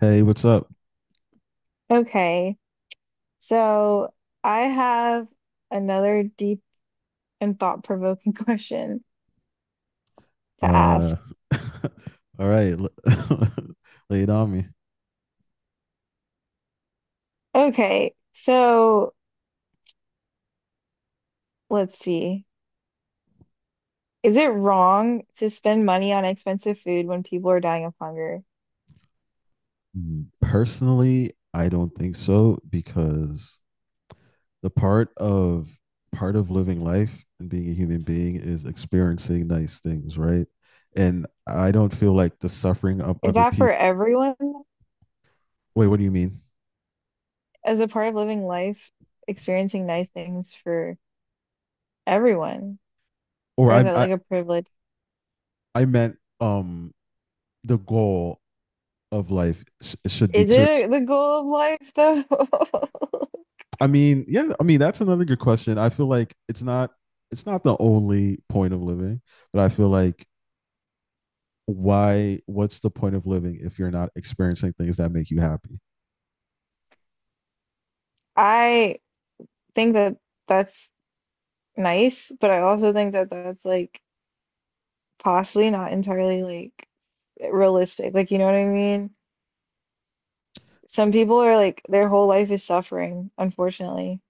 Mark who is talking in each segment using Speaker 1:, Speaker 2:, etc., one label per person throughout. Speaker 1: Hey, what's up?
Speaker 2: Okay, so I have another deep and thought-provoking question to ask.
Speaker 1: Uh, all right, lay it on me.
Speaker 2: Okay, so let's see. Is it wrong to spend money on expensive food when people are dying of hunger?
Speaker 1: Mm, personally, I don't think so because the part of living life and being a human being is experiencing nice things, right? And I don't feel like the suffering of
Speaker 2: Is
Speaker 1: other
Speaker 2: that for
Speaker 1: people.
Speaker 2: everyone?
Speaker 1: Wait, what do you mean?
Speaker 2: As a part of living life, experiencing nice things for everyone?
Speaker 1: Or
Speaker 2: Or
Speaker 1: I
Speaker 2: is that
Speaker 1: I,
Speaker 2: like a privilege?
Speaker 1: I meant the goal of life should be
Speaker 2: Is
Speaker 1: to
Speaker 2: it the goal of life though?
Speaker 1: yeah, I mean that's another good question. I feel like it's not the only point of living, but I feel like why what's the point of living if you're not experiencing things that make you happy?
Speaker 2: I think that that's nice, but I also think that that's like possibly not entirely like realistic. Like, you know what I mean? Some people are like their whole life is suffering, unfortunately.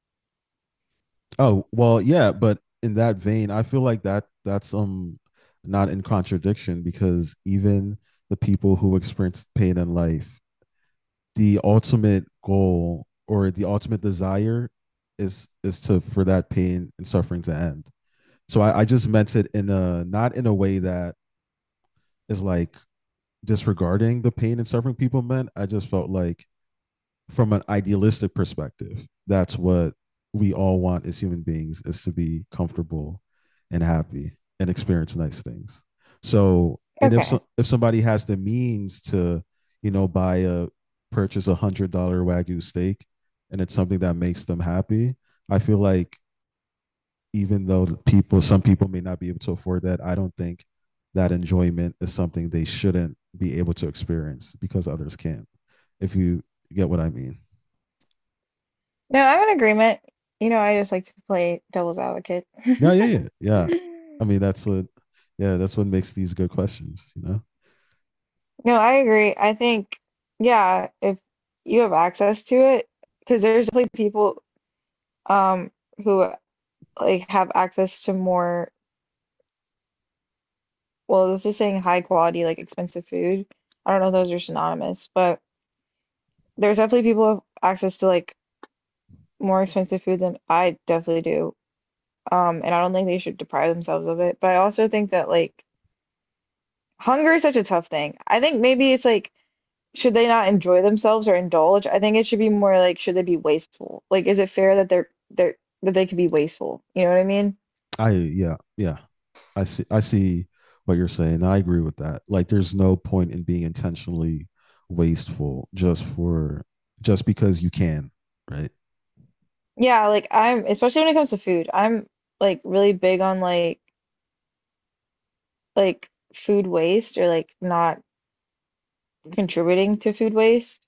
Speaker 1: Oh, well, yeah, but in that vein, I feel like that's not in contradiction because even the people who experience pain in life, the ultimate goal or the ultimate desire is to for that pain and suffering to end. So I just meant it in a not in a way that is like disregarding the pain and suffering people meant. I just felt like from an idealistic perspective, that's what we all want as human beings is to be comfortable and happy and experience nice things. So and if
Speaker 2: Okay.
Speaker 1: so, if somebody has the means to, you know, buy a purchase a $100 wagyu steak and it's something that makes them happy, I feel like even though some people may not be able to afford that, I don't think that enjoyment is something they shouldn't be able to experience because others can't. If you get what I mean.
Speaker 2: No, I'm in agreement. You know, I just like to play devil's advocate.
Speaker 1: Yeah, yeah, yeah, yeah. I mean, yeah, that's what makes these good questions.
Speaker 2: No, I agree. I think, yeah, if you have access to it, because there's definitely people um who like have access to more. Well, this is saying high quality, like expensive food. I don't know if those are synonymous, but there's definitely people who have access to like more expensive food than I definitely do. And I don't think they should deprive themselves of it. But I also think that like hunger is such a tough thing. I think maybe it's like should they not enjoy themselves or indulge? I think it should be more like should they be wasteful? Like is it fair that they're that they could be wasteful? You know what I mean?
Speaker 1: Yeah, yeah. I see. I see what you're saying. I agree with that. Like, there's no point in being intentionally wasteful just because you can, right?
Speaker 2: Yeah, like I'm especially when it comes to food, I'm like really big on like food waste or like not contributing to food waste.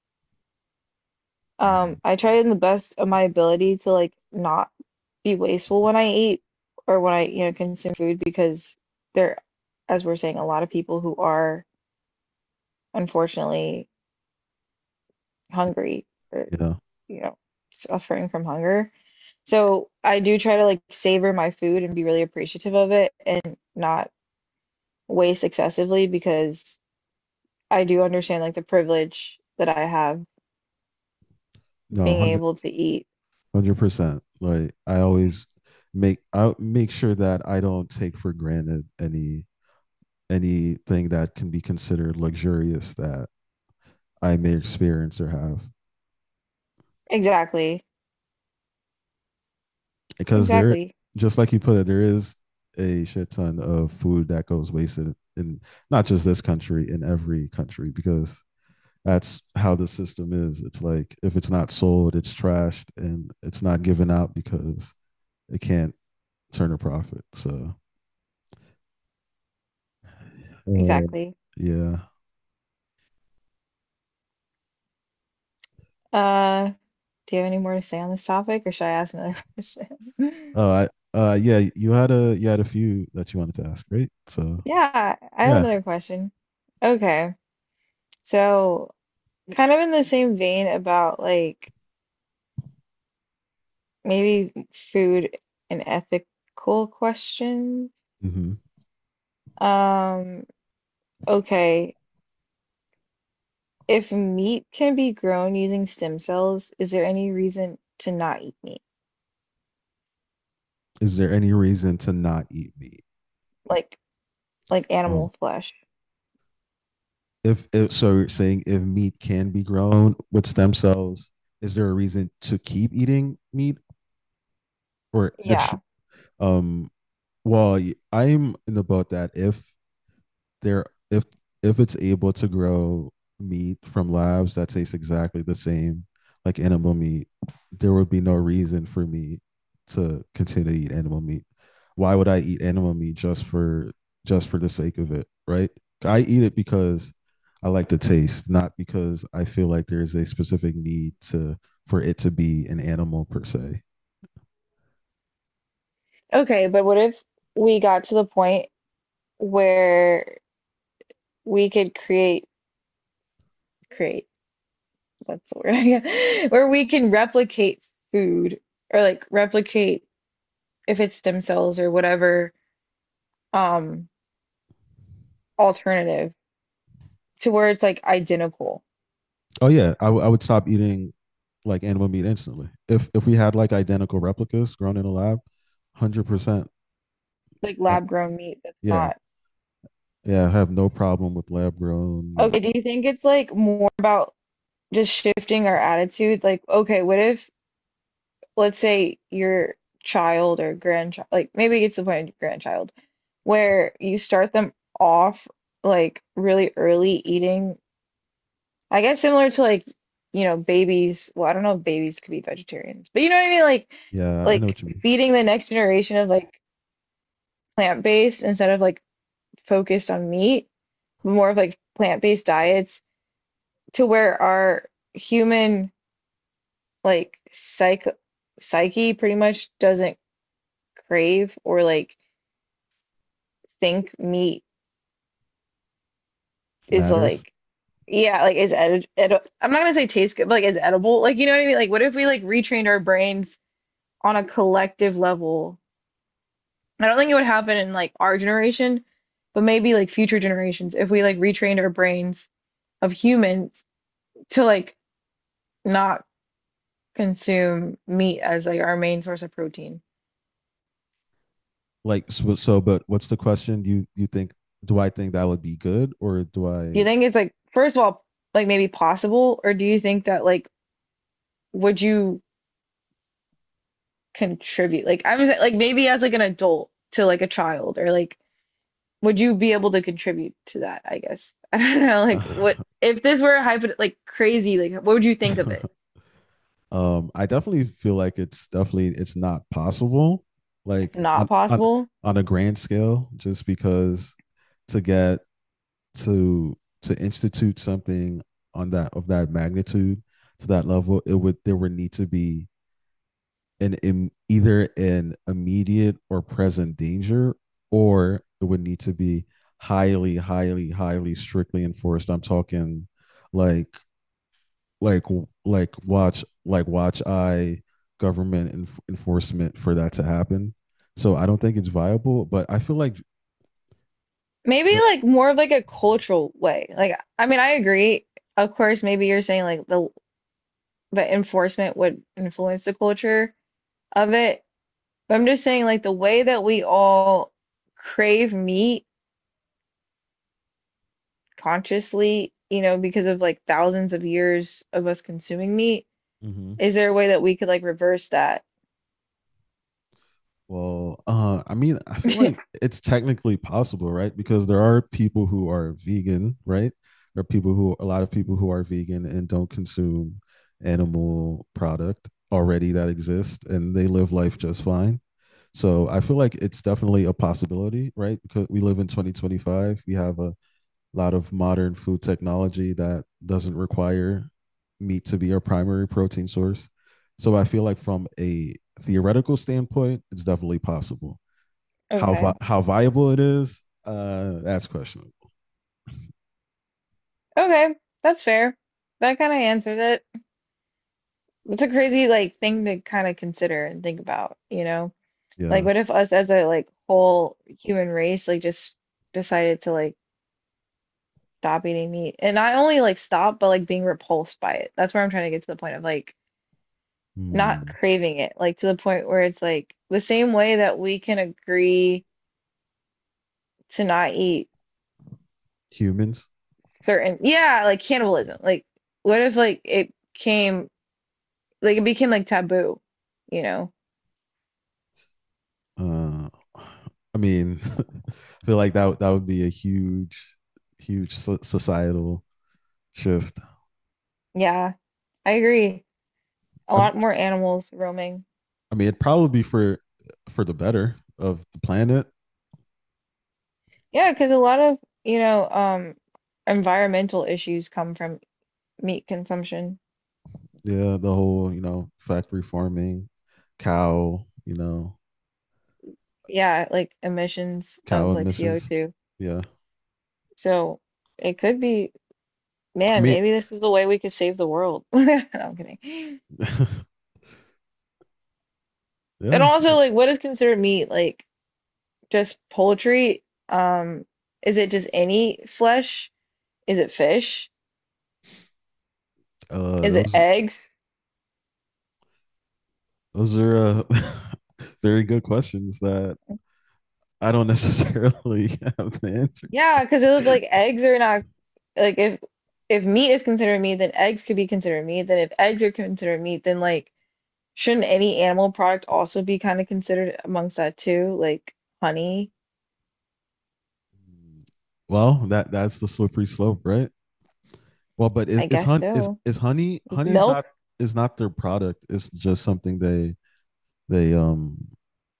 Speaker 1: Mhm.
Speaker 2: I try in the best of my ability to like not be wasteful when I eat or when I, consume food because there, as we're saying, a lot of people who are unfortunately hungry or,
Speaker 1: Yeah.
Speaker 2: you know, suffering from hunger. So I do try to like savor my food and be really appreciative of it and not waste excessively because I do understand like the privilege that I have
Speaker 1: No,
Speaker 2: being
Speaker 1: hundred,
Speaker 2: able to eat.
Speaker 1: 100%. Like, I always make I make sure that I don't take for granted anything that can be considered luxurious that I may experience or have.
Speaker 2: Exactly.
Speaker 1: Because
Speaker 2: Exactly.
Speaker 1: just like you put it, there is a shit ton of food that goes wasted in not just this country, in every country, because that's how the system is. It's like if it's not sold, it's trashed and it's not given out because it can't turn a profit. So, uh,
Speaker 2: Exactly.
Speaker 1: yeah.
Speaker 2: Uh Do you have any more to say on this topic, or should I ask another question?
Speaker 1: Uh, yeah. You had a few that you wanted to ask, right? So,
Speaker 2: Yeah, I have
Speaker 1: yeah.
Speaker 2: another question. Okay, so kind of in the same vein about like maybe food and ethical questions.
Speaker 1: hmm
Speaker 2: Um, okay, if meat can be grown using stem cells, is there any reason to not eat meat?
Speaker 1: Is there any reason to not eat meat?
Speaker 2: Like like
Speaker 1: Oh,
Speaker 2: animal flesh.
Speaker 1: if so you're saying if meat can be grown with stem cells, is there a reason to keep eating meat or there should
Speaker 2: Yeah.
Speaker 1: um well, I'm in the boat that if there if if it's able to grow meat from labs that tastes exactly the same like animal meat, there would be no reason for me to continue to eat animal meat. Why would I eat animal meat just for the sake of it, right? I eat it because I like the taste, not because I feel like there's a specific need to for it to be an animal per se.
Speaker 2: Okay, but what if we got to the point where we could create. That's the word. Yeah. Where we can replicate food or like replicate if it's stem cells or whatever um alternative to where it's like identical,
Speaker 1: Oh yeah, I would stop eating like animal meat instantly. If we had like identical replicas grown in a lab, 100%.
Speaker 2: like
Speaker 1: uh,
Speaker 2: lab grown meat that's
Speaker 1: Yeah,
Speaker 2: not.
Speaker 1: yeah, I have no problem with lab grown meat.
Speaker 2: Okay, do you think it's like more about just shifting our attitude? Like, okay, what if let's say your child or grandchild, like maybe it's the point of grandchild, where you start them off like really early eating. I guess similar to like, babies. Well, I don't know if babies could be vegetarians, but you know what I mean? Like,
Speaker 1: Yeah, I know
Speaker 2: like
Speaker 1: what you mean.
Speaker 2: feeding the next generation of like plant-based instead of like focused on meat, more of like plant-based diets to where our human like psyche pretty much doesn't crave or like think meat is
Speaker 1: Matters
Speaker 2: like yeah, like is edi edi I'm not gonna say taste good, but like is edible. Like you know what I mean? Like what if we like retrained our brains on a collective level? I don't think it would happen in like our generation, but maybe like future generations if we like retrained our brains of humans to like not consume meat as like our main source of protein.
Speaker 1: But what's the question? You think do I think that would be good or do
Speaker 2: Do you
Speaker 1: I?
Speaker 2: think it's like first of all like maybe possible or do you think that like would you contribute? Like I'm just like maybe as like an adult to like a child or like would you be able to contribute to that, I guess. I don't know like what if this were a hypo like crazy like what would you think of it?
Speaker 1: I definitely feel like it's not possible.
Speaker 2: It's
Speaker 1: Like
Speaker 2: not
Speaker 1: on on
Speaker 2: possible.
Speaker 1: on a grand scale, just because to get to to institute something on that of that magnitude to that level, it would there would need to be either an immediate or present danger, or it would need to be highly, highly, highly strictly enforced. I'm talking like like like watch eye government enforcement for that to happen. So I don't think it's viable, but I feel like
Speaker 2: Maybe like more of like a cultural way. Like I mean, I agree. Of course, maybe you're saying like the enforcement would influence the culture of it. But I'm just saying like the way that we all crave meat consciously, because of like thousands of years of us consuming meat,
Speaker 1: mm-hmm.
Speaker 2: is there a way that we could like reverse that?
Speaker 1: Well, I mean, I feel like it's technically possible, right? Because there are people who are vegan, right? There are people who, a lot of people who are vegan and don't consume animal product already that exist, and they live life just fine. So I feel like it's definitely a possibility, right? Because we live in 2025, we have a lot of modern food technology that doesn't require meat to be our primary protein source. So I feel like from a theoretical standpoint, it's definitely possible.
Speaker 2: Okay.
Speaker 1: How viable it is, that's questionable.
Speaker 2: Okay, that's fair. That kind of answered it. It's a crazy like thing to kind of consider and think about, you know? Like,
Speaker 1: Yeah.
Speaker 2: what if us as a like whole human race like just decided to like stop eating meat and not only like stop, but like being repulsed by it. That's where I'm trying to get to the point of like not
Speaker 1: Hmm.
Speaker 2: craving it, like to the point where it's like the same way that we can agree to not eat
Speaker 1: Humans.
Speaker 2: certain, yeah, like cannibalism. Like, what if like it became like taboo, you know?
Speaker 1: Uh, I mean, I feel like that would be a huge, huge societal shift.
Speaker 2: Yeah, I agree. A
Speaker 1: I,
Speaker 2: lot more animals roaming.
Speaker 1: I mean, it'd probably be for the better of the planet.
Speaker 2: Yeah, because a lot of, you know, um, environmental issues come from meat consumption.
Speaker 1: Yeah, the whole, you know, factory farming, cow, you know,
Speaker 2: Yeah, like emissions
Speaker 1: cow
Speaker 2: of like
Speaker 1: emissions.
Speaker 2: CO2.
Speaker 1: Yeah.
Speaker 2: So it could be,
Speaker 1: I
Speaker 2: man,
Speaker 1: mean,
Speaker 2: maybe this is the way we could save the world. No, I'm kidding. And
Speaker 1: yeah.
Speaker 2: also, like, what is considered meat? Like, just poultry? Um, is it just any flesh? Is it fish? Is it
Speaker 1: Those
Speaker 2: eggs?
Speaker 1: are very good questions that I don't necessarily have the answer
Speaker 2: Yeah, because it was
Speaker 1: to.
Speaker 2: like eggs are not. Like if meat is considered meat, then eggs could be considered meat. Then if eggs are considered meat, then like shouldn't any animal product also be kind of considered amongst that too? Like honey,
Speaker 1: Mm, well, that's the slippery slope, right? Well, but
Speaker 2: I guess so.
Speaker 1: is honey honey
Speaker 2: Milk?
Speaker 1: is not their product. It's just something they um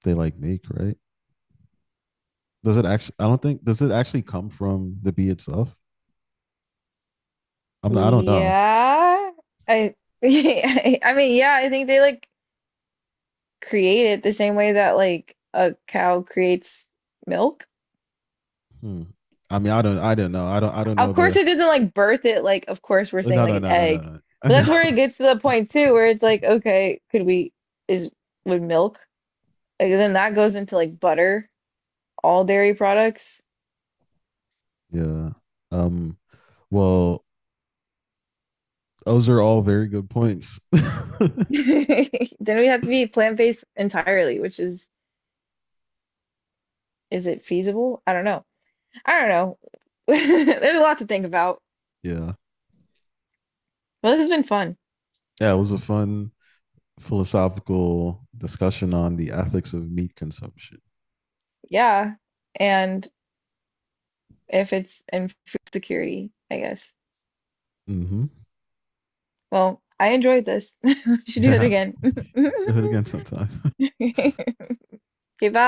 Speaker 1: they like make, right? Does it actually? I don't think does it actually come from the bee itself. I don't know.
Speaker 2: Yeah. I I mean, yeah, I think they like create it the same way that like a cow creates milk.
Speaker 1: Hmm. I mean, I don't know. I don't know
Speaker 2: Of course
Speaker 1: the.
Speaker 2: it doesn't like birth it like of course we're saying
Speaker 1: No,
Speaker 2: like
Speaker 1: no,
Speaker 2: an
Speaker 1: no, no, no,
Speaker 2: egg.
Speaker 1: no.
Speaker 2: But
Speaker 1: No.
Speaker 2: that's where it gets to the point too where it's like okay, could we is would milk like, then that goes into like butter, all dairy products.
Speaker 1: Yeah. Um. Well, those are all very good points.
Speaker 2: Then we have to be plant-based entirely, which is. Is it feasible? I don't know. I don't know. There's a lot to think about.
Speaker 1: Yeah.
Speaker 2: Well, this has been fun.
Speaker 1: Yeah. It was a fun philosophical discussion on the ethics of meat consumption.
Speaker 2: Yeah. And if it's in food security, I guess.
Speaker 1: Mm-hmm.
Speaker 2: Well, I enjoyed this. We should do that
Speaker 1: Yeah,
Speaker 2: again.
Speaker 1: do it again sometime.
Speaker 2: Okay, bye.